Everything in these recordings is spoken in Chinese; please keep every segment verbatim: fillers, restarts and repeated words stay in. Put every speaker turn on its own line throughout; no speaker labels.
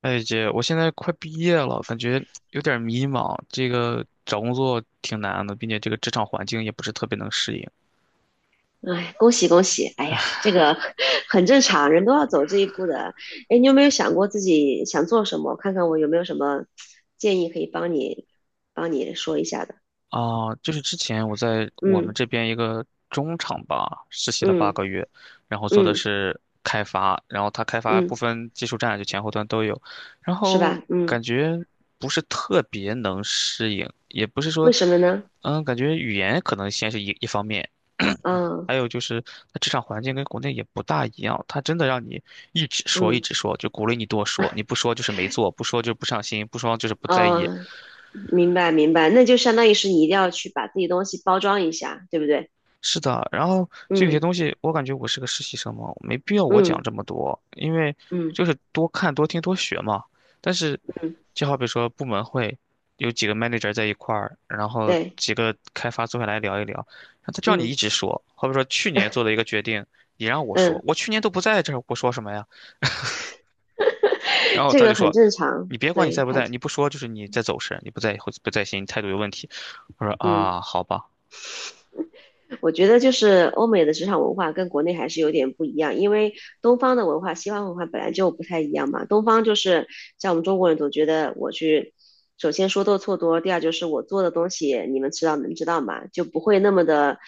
哎姐，我现在快毕业了，感觉有点迷茫。这个找工作挺难的，并且这个职场环境也不是特别能适应。
哎，恭喜恭喜！哎呀，这个 很正常，人都要走这一步的。哎，你有没有想过自己想做什么？看看我有没有什么建议可以帮你帮你说一下的。
啊，就是之前我在我们
嗯
这边一个中厂吧，实习了八
嗯
个月，然后做的
嗯
是开发，然后他开发部
嗯，
分技术栈，就前后端都有，然
是
后
吧？嗯，
感觉不是特别能适应，也不是说，
为什么呢？
嗯，感觉语言可能先是一一方面，
嗯
还有就是它职场环境跟国内也不大一样，他真的让你一直说一
嗯
直说，就鼓励你多说，你不说就是没做，不说就不上心，不说就是不在意，
哦，明白明白，那就相当于是你一定要去把自己东西包装一下，对不对？
是的，然后就有些
嗯
东西，我感觉我是个实习生嘛，没必要我讲
嗯
这么多，因为
嗯
就是多看、多听、多学嘛。但是，
嗯，
就好比说部门会有几个 manager 在一块儿，然后
对，
几个开发坐下来聊一聊，然后他叫你一
嗯
直说，好比说去年做的一个决定，你让我说，
嗯，
我去年都不在这儿，我说什么呀？然 后
这
他就
个很
说，
正常，
你别管你
对，
在不
太
在，你不说就是你在走神，你不在会不在心，你态度有问题。我说
嗯。
啊，好吧，
我觉得就是欧美的职场文化跟国内还是有点不一样，因为东方的文化、西方文化本来就不太一样嘛。东方就是像我们中国人总觉得我去，首先说多错多，第二就是我做的东西你们知道能知道嘛，就不会那么的，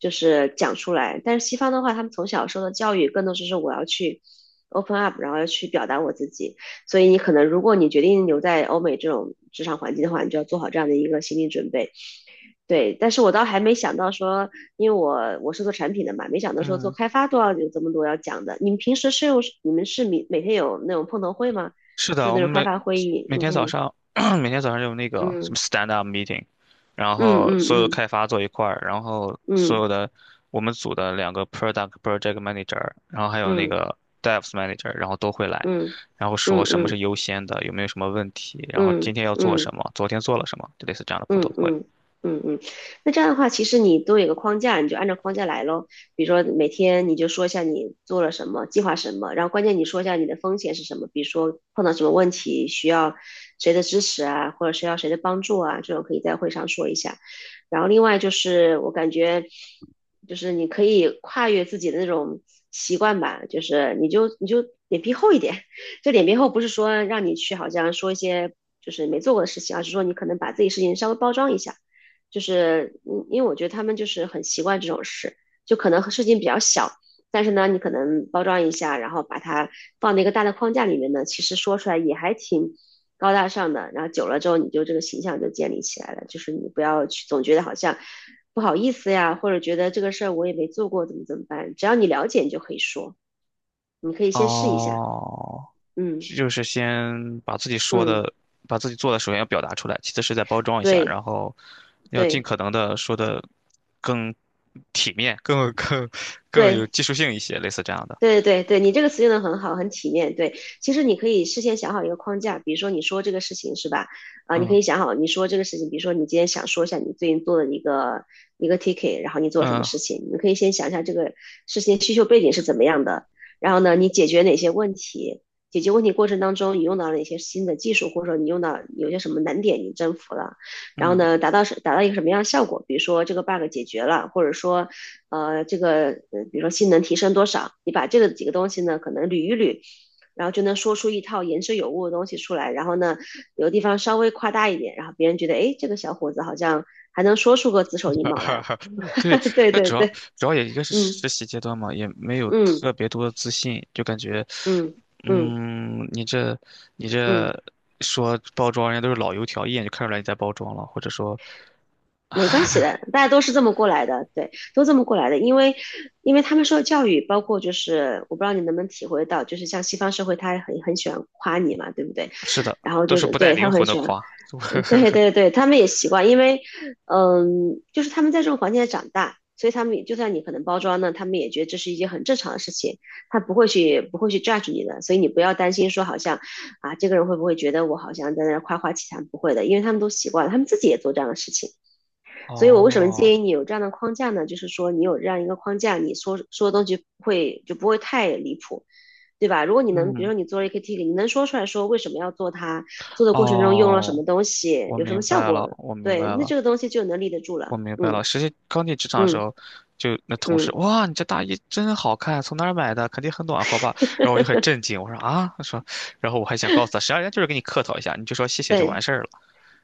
就是讲出来。但是西方的话，他们从小受的教育更多是说我要去 open up，然后要去表达我自己。所以你可能如果你决定留在欧美这种职场环境的话，你就要做好这样的一个心理准备。对，但是我倒还没想到说，因为我我是做产品的嘛，没想到说做
嗯。
开发都要有这么多要讲的。你们平时是用你们是每每天有那种碰头会吗？
是
就
的，我
那
们
种开
每
发会议？
每天早上 每天早上有那个什么 stand up meeting，然
嗯
后所有
嗯
开发坐一块儿，然后所
嗯
有的我们组的两个 product project manager，然后还有那
嗯
个 devs manager，然后都会来，
嗯
然后说
嗯嗯
什么是
嗯
优先的，有没有什么问
嗯嗯嗯嗯嗯嗯。
题，然后今天要做
嗯嗯嗯嗯
什
嗯
么，昨天做了什么，就类似这样的碰头
嗯
会。
嗯嗯嗯，那这样的话，其实你都有个框架，你就按照框架来咯。比如说每天你就说一下你做了什么，计划什么，然后关键你说一下你的风险是什么，比如说碰到什么问题需要谁的支持啊，或者需要谁的帮助啊，这种可以在会上说一下。然后另外就是我感觉，就是你可以跨越自己的那种习惯吧，就是你就你就脸皮厚一点，就脸皮厚，不是说让你去好像说一些就是没做过的事情，而是说你可能把自己事情稍微包装一下。就是嗯，因为我觉得他们就是很习惯这种事，就可能事情比较小，但是呢，你可能包装一下，然后把它放在一个大的框架里面呢，其实说出来也还挺高大上的。然后久了之后，你就这个形象就建立起来了。就是你不要去总觉得好像不好意思呀，或者觉得这个事儿我也没做过，怎么怎么办？只要你了解，你就可以说，你可以先试一下。
哦，
嗯
就是先把自己说
嗯。
的、把自己做的，首先要表达出来，其次是在包装一下，
对
然后要尽
对
可能的说的更体面、更更更有
对
技术性一些，类似这样的。
对对对，你这个词用的很好，很体面。对，其实你可以事先想好一个框架，比如说你说这个事情是吧？啊，你可以
嗯
想好你说这个事情，比如说你今天想说一下你最近做的一个一个 ticket，然后你做什么
嗯
事情，你可以先想一下这个事情需求背景是怎么样的，然后呢，你解决哪些问题，解决问题过程当中你用到了哪些新的技术，或者说你用到有些什么难点你征服了。然后
嗯，
呢，达到是达到一个什么样的效果？比如说这个 bug 解决了，或者说呃，这个呃，比如说性能提升多少，你把这个几个东西呢，可能捋一捋，然后就能说出一套言之有物的东西出来。然后呢，有的地方稍微夸大一点，然后别人觉得，哎，这个小伙子好像还能说出个子丑寅
哈
卯
哈
来。
哈 对，
对
那
对
主要
对，
主要也一个是实
嗯
习阶段嘛，也没有
嗯
特别多的自信，就感觉，
嗯嗯
嗯，你这你
嗯，
这说包装，人家都是老油条，一眼就看出来你在包装了，或者说，
没关系的，大家都是这么过来的，对，都这么过来的。因为因为他们受的教育，包括就是我不知道你能不能体会到，就是像西方社会，他很很喜欢夸你嘛，对不对？
是的，
然后
都
就
是
是
不带
对他
灵
很
魂的
喜欢，
夸。
嗯，对对对，他们也习惯，因为嗯，就是他们在这种环境下长大，所以他们也就算你可能包装呢，他们也觉得这是一件很正常的事情，他不会去不会去 judge 你的，所以你不要担心说好像啊这个人会不会觉得我好像在那儿夸夸其谈，不会的，因为他们都习惯了，他们自己也做这样的事情，所以我为什么
哦，
建议你有这样的框架呢？就是说你有这样一个框架，你说说的东西不会就不会太离谱，对吧？如果你能，比如
嗯，
说你做了一个 tick，你能说出来说为什么要做它，做的过程中用了什
哦，
么东西，
我
有什
明
么效
白了，
果，
我明
对，
白
那这
了，
个东西就能立得住了。
我明白
嗯
了。实际刚进职场的时
嗯
候，就那同事，
嗯，
哇，你这大衣真好看，从哪儿买的？肯定很暖和吧？然后我就很 震惊，我说啊，他说，然后我还想告诉他，实际上人家就是给你客套一下，你就说谢谢就完
对，
事儿了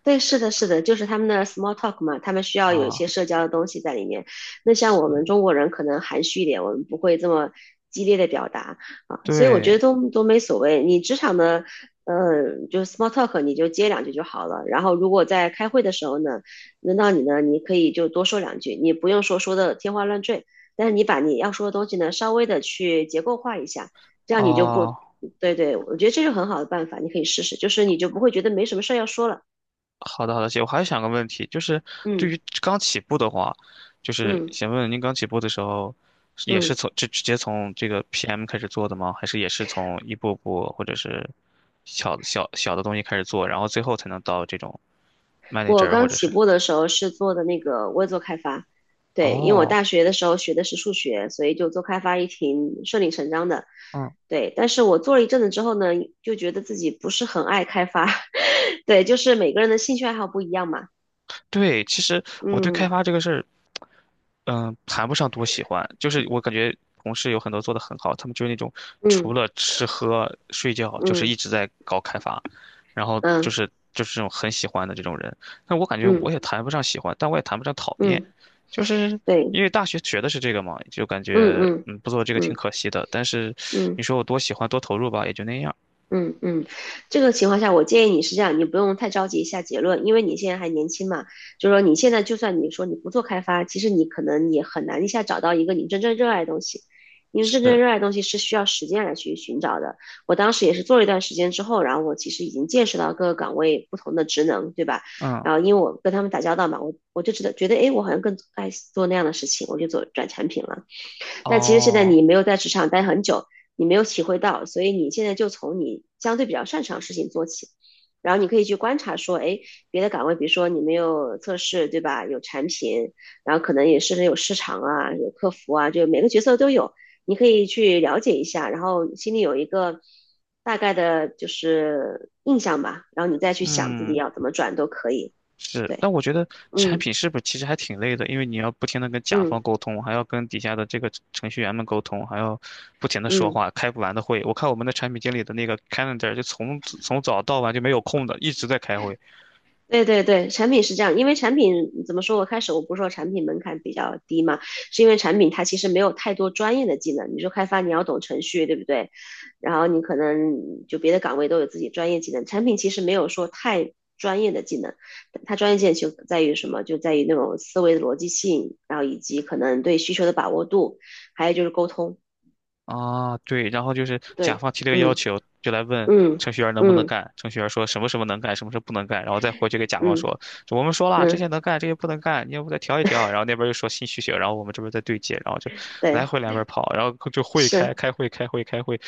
对，是的，是的，就是他们的 small talk 嘛，他们需要有一些
啊。
社交的东西在里面。那像我们
是，
中国人可能含蓄一点，我们不会这么激烈的表达啊，所以我觉得
对，
都都没所谓。你职场的，呃，就是 small talk，你就接两句就好了。然后如果在开会的时候呢，轮到你呢，你可以就多说两句，你不用说说的天花乱坠，但是你把你要说的东西呢，稍微的去结构化一下，这样你就不，
啊。
对对，我觉得这是很好的办法，你可以试试，就是你就不会觉得没什么事儿要说了。
好的，好的，姐，我还想个问题，就是对
嗯
于刚起步的话，就是
嗯
想问问您刚起步的时候，是也是
嗯，
从直直接从这个 P M 开始做的吗？还是也是从一步步或者是小小小的东西开始做，然后最后才能到这种
我
manager 或
刚
者
起
是？
步的时候是做的那个，我也做开发，对，因为我
哦，
大学的时候学的是数学，所以就做开发也挺顺理成章的，
嗯。
对。但是我做了一阵子之后呢，就觉得自己不是很爱开发，对，就是每个人的兴趣爱好不一样嘛，
对，其实我对开
嗯
发这个事儿，嗯、谈不上多喜欢，就是我感觉同事有很多做得很好，他们就是那种除
嗯
了吃喝睡觉，就是
嗯
一直在搞开发，然后就
嗯
是就是这种很喜欢的这种人。但我感觉
嗯
我也谈不上喜欢，但我也谈不上讨厌，
嗯，
就是
对，
因为大学学的是这个嘛，就感
嗯
觉
嗯
嗯不做这个挺
嗯
可惜的。但是你
嗯。
说我多喜欢多投入吧，也就那样。
嗯嗯，这个情况下，我建议你是这样，你不用太着急下结论，因为你现在还年轻嘛，就是说你现在就算你说你不做开发，其实你可能也很难一下找到一个你真正热爱的东西，因为真正
是，
热爱的东西是需要时间来去寻找的。我当时也是做了一段时间之后，然后我其实已经见识到各个岗位不同的职能，对吧？
嗯，
然后因为我跟他们打交道嘛，我我就觉得觉得，诶，我好像更爱做那样的事情，我就做转产品了。但其实现在
哦，
你没有在职场待很久，你没有体会到，所以你现在就从你相对比较擅长的事情做起，然后你可以去观察说，哎，别的岗位，比如说你没有测试，对吧？有产品，然后可能也是有市场啊，有客服啊，就每个角色都有，你可以去了解一下，然后心里有一个大概的就是印象吧，然后你再去想自己
嗯。
要怎么转都可以。
是，
对，
但我觉得产
嗯
品是不是其实还挺累的，因为你要不停的跟甲方
嗯
沟通，还要跟底下的这个程序员们沟通，还要不停的说
嗯。
话，开不完的会。我看我们的产品经理的那个 calendar 就从从早到晚就没有空的，一直在开会。
对对对，产品是这样，因为产品怎么说？我开始我不是说产品门槛比较低嘛，是因为产品它其实没有太多专业的技能，你说开发你要懂程序，对不对？然后你可能就别的岗位都有自己专业技能，产品其实没有说太专业的技能，它专业性就在于什么？就在于那种思维的逻辑性，然后以及可能对需求的把握度，还有就是沟通。
啊，对，然后就是甲
对，
方提了个要
嗯
求，就来问
嗯
程序员能不能
嗯
干。程序员说什么什么能干，什么什么不能干，然后再回去给甲方
嗯
说，我们说了这些
嗯，
能干，这些不能干，你要不再调一调。然后那边又说新需求，然后我们这边再对接，然后就来
对，
回两边跑，然后就会开
是，
开会开会开会，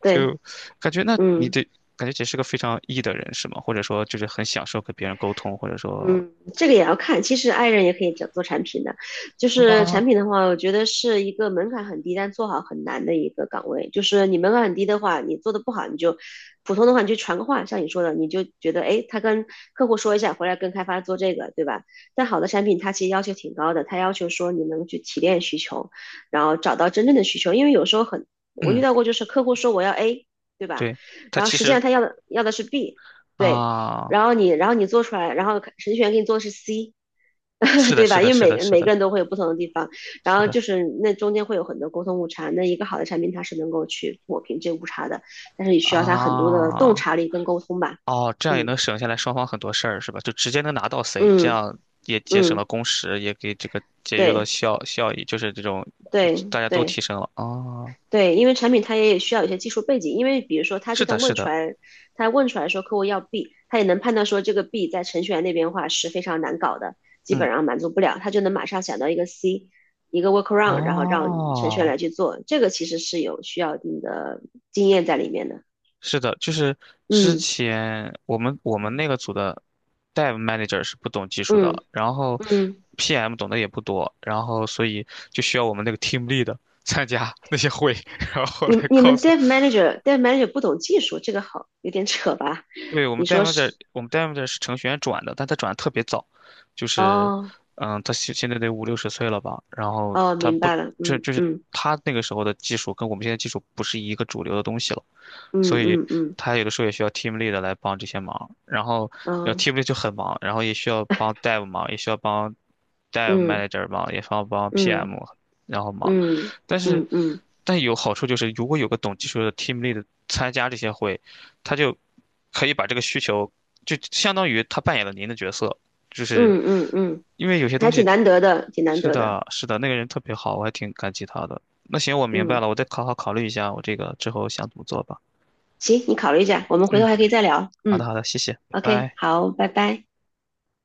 对，
就感觉那你
嗯。
得感觉这是个非常 E 的人是吗？或者说就是很享受跟别人沟通，或者说
嗯，这个也要看。其实 i 人也可以做做产品的，就
是
是产
吗？
品的话，我觉得是一个门槛很低，但做好很难的一个岗位。就是你门槛很低的话，你做的不好，你就普通的话，你就传个话，像你说的，你就觉得诶，他跟客户说一下，回来跟开发做这个，对吧？但好的产品它其实要求挺高的，它要求说你能去提炼需求，然后找到真正的需求，因为有时候很，我遇
嗯，
到过就是客户说我要 A，对吧？
对，他
然后
其
实际
实
上他要的要的是 B。对，
啊，
然后你然后你做出来，然后程序员给你做的是 C，
是 的，
对
是
吧？因
的，
为
是
每
的，
个
是
每个
的，
人都会有不同的地方，然
是
后
的。
就是那中间会有很多沟通误差。那一个好的产品它是能够去抹平这误差的，但是你需要它很多的洞
啊，
察力跟沟通吧。
哦，这样也
嗯
能省下来双方很多事儿，是吧？就直接能拿到 C，这
嗯
样也节省
嗯，
了工时，也给这个节约了
对
效效益，就是这种，就
对
大家都提
对
升了。哦，
对，因为产品它也需要有些技术背景，因为比如说，他
是
就
的，
算
是
问出
的，
来，他问出来说客户要 B，他也能判断说这个 B 在程序员那边的话是非常难搞的，基
嗯，
本上满足不了，他就能马上想到一个 C，一个 workaround，然后让程序员
哦，
来去做，这个其实是有需要一定的经验在里面的。
是的，就是之
嗯
前我们我们那个组的 Dev Manager 是不懂技术
嗯
的，然后
嗯，
P M 懂得也不多，然后所以就需要我们那个 Team Lead 参加那些会，然后
你
来
你
告
们
诉。
dev manager dev manager 不懂技术，这个好有点扯吧？
对，我
你
们 d e
说
m o
是？
的，我们 d e m o 的是程序员转的，但他转的特别早，就是，
哦
嗯，他现现在得五六十岁了吧？然后
哦，
他
明
不，
白了，
就
嗯
就是
嗯
他那个时候的技术跟我们现在技术不是一个主流的东西了，
嗯
所以
嗯嗯
他有的时候也需要 team lead 来帮这些忙，然后
嗯。
然后
嗯
team lead 就很忙，然后也需要帮 dev 忙，也需要帮 dev
嗯
manager 忙，也需要帮
嗯
P M 然后忙，
嗯
但是
嗯嗯
但有好处就是，如果有个懂技术的 team lead 参加这些会，他就可以把这个需求就相当于他扮演了您的角色，就是
嗯嗯嗯，
因为有些东
还挺
西
难得的，挺难
是
得的。
的，是的，那个人特别好，我还挺感激他的。那行，我明白了，
嗯，
我再好好考虑一下我这个之后想怎么做吧。
行，你考虑一下，我们回头
嗯。
还可以再聊。
好的，
嗯
好的，谢谢，拜
，OK，
拜。
好，拜拜。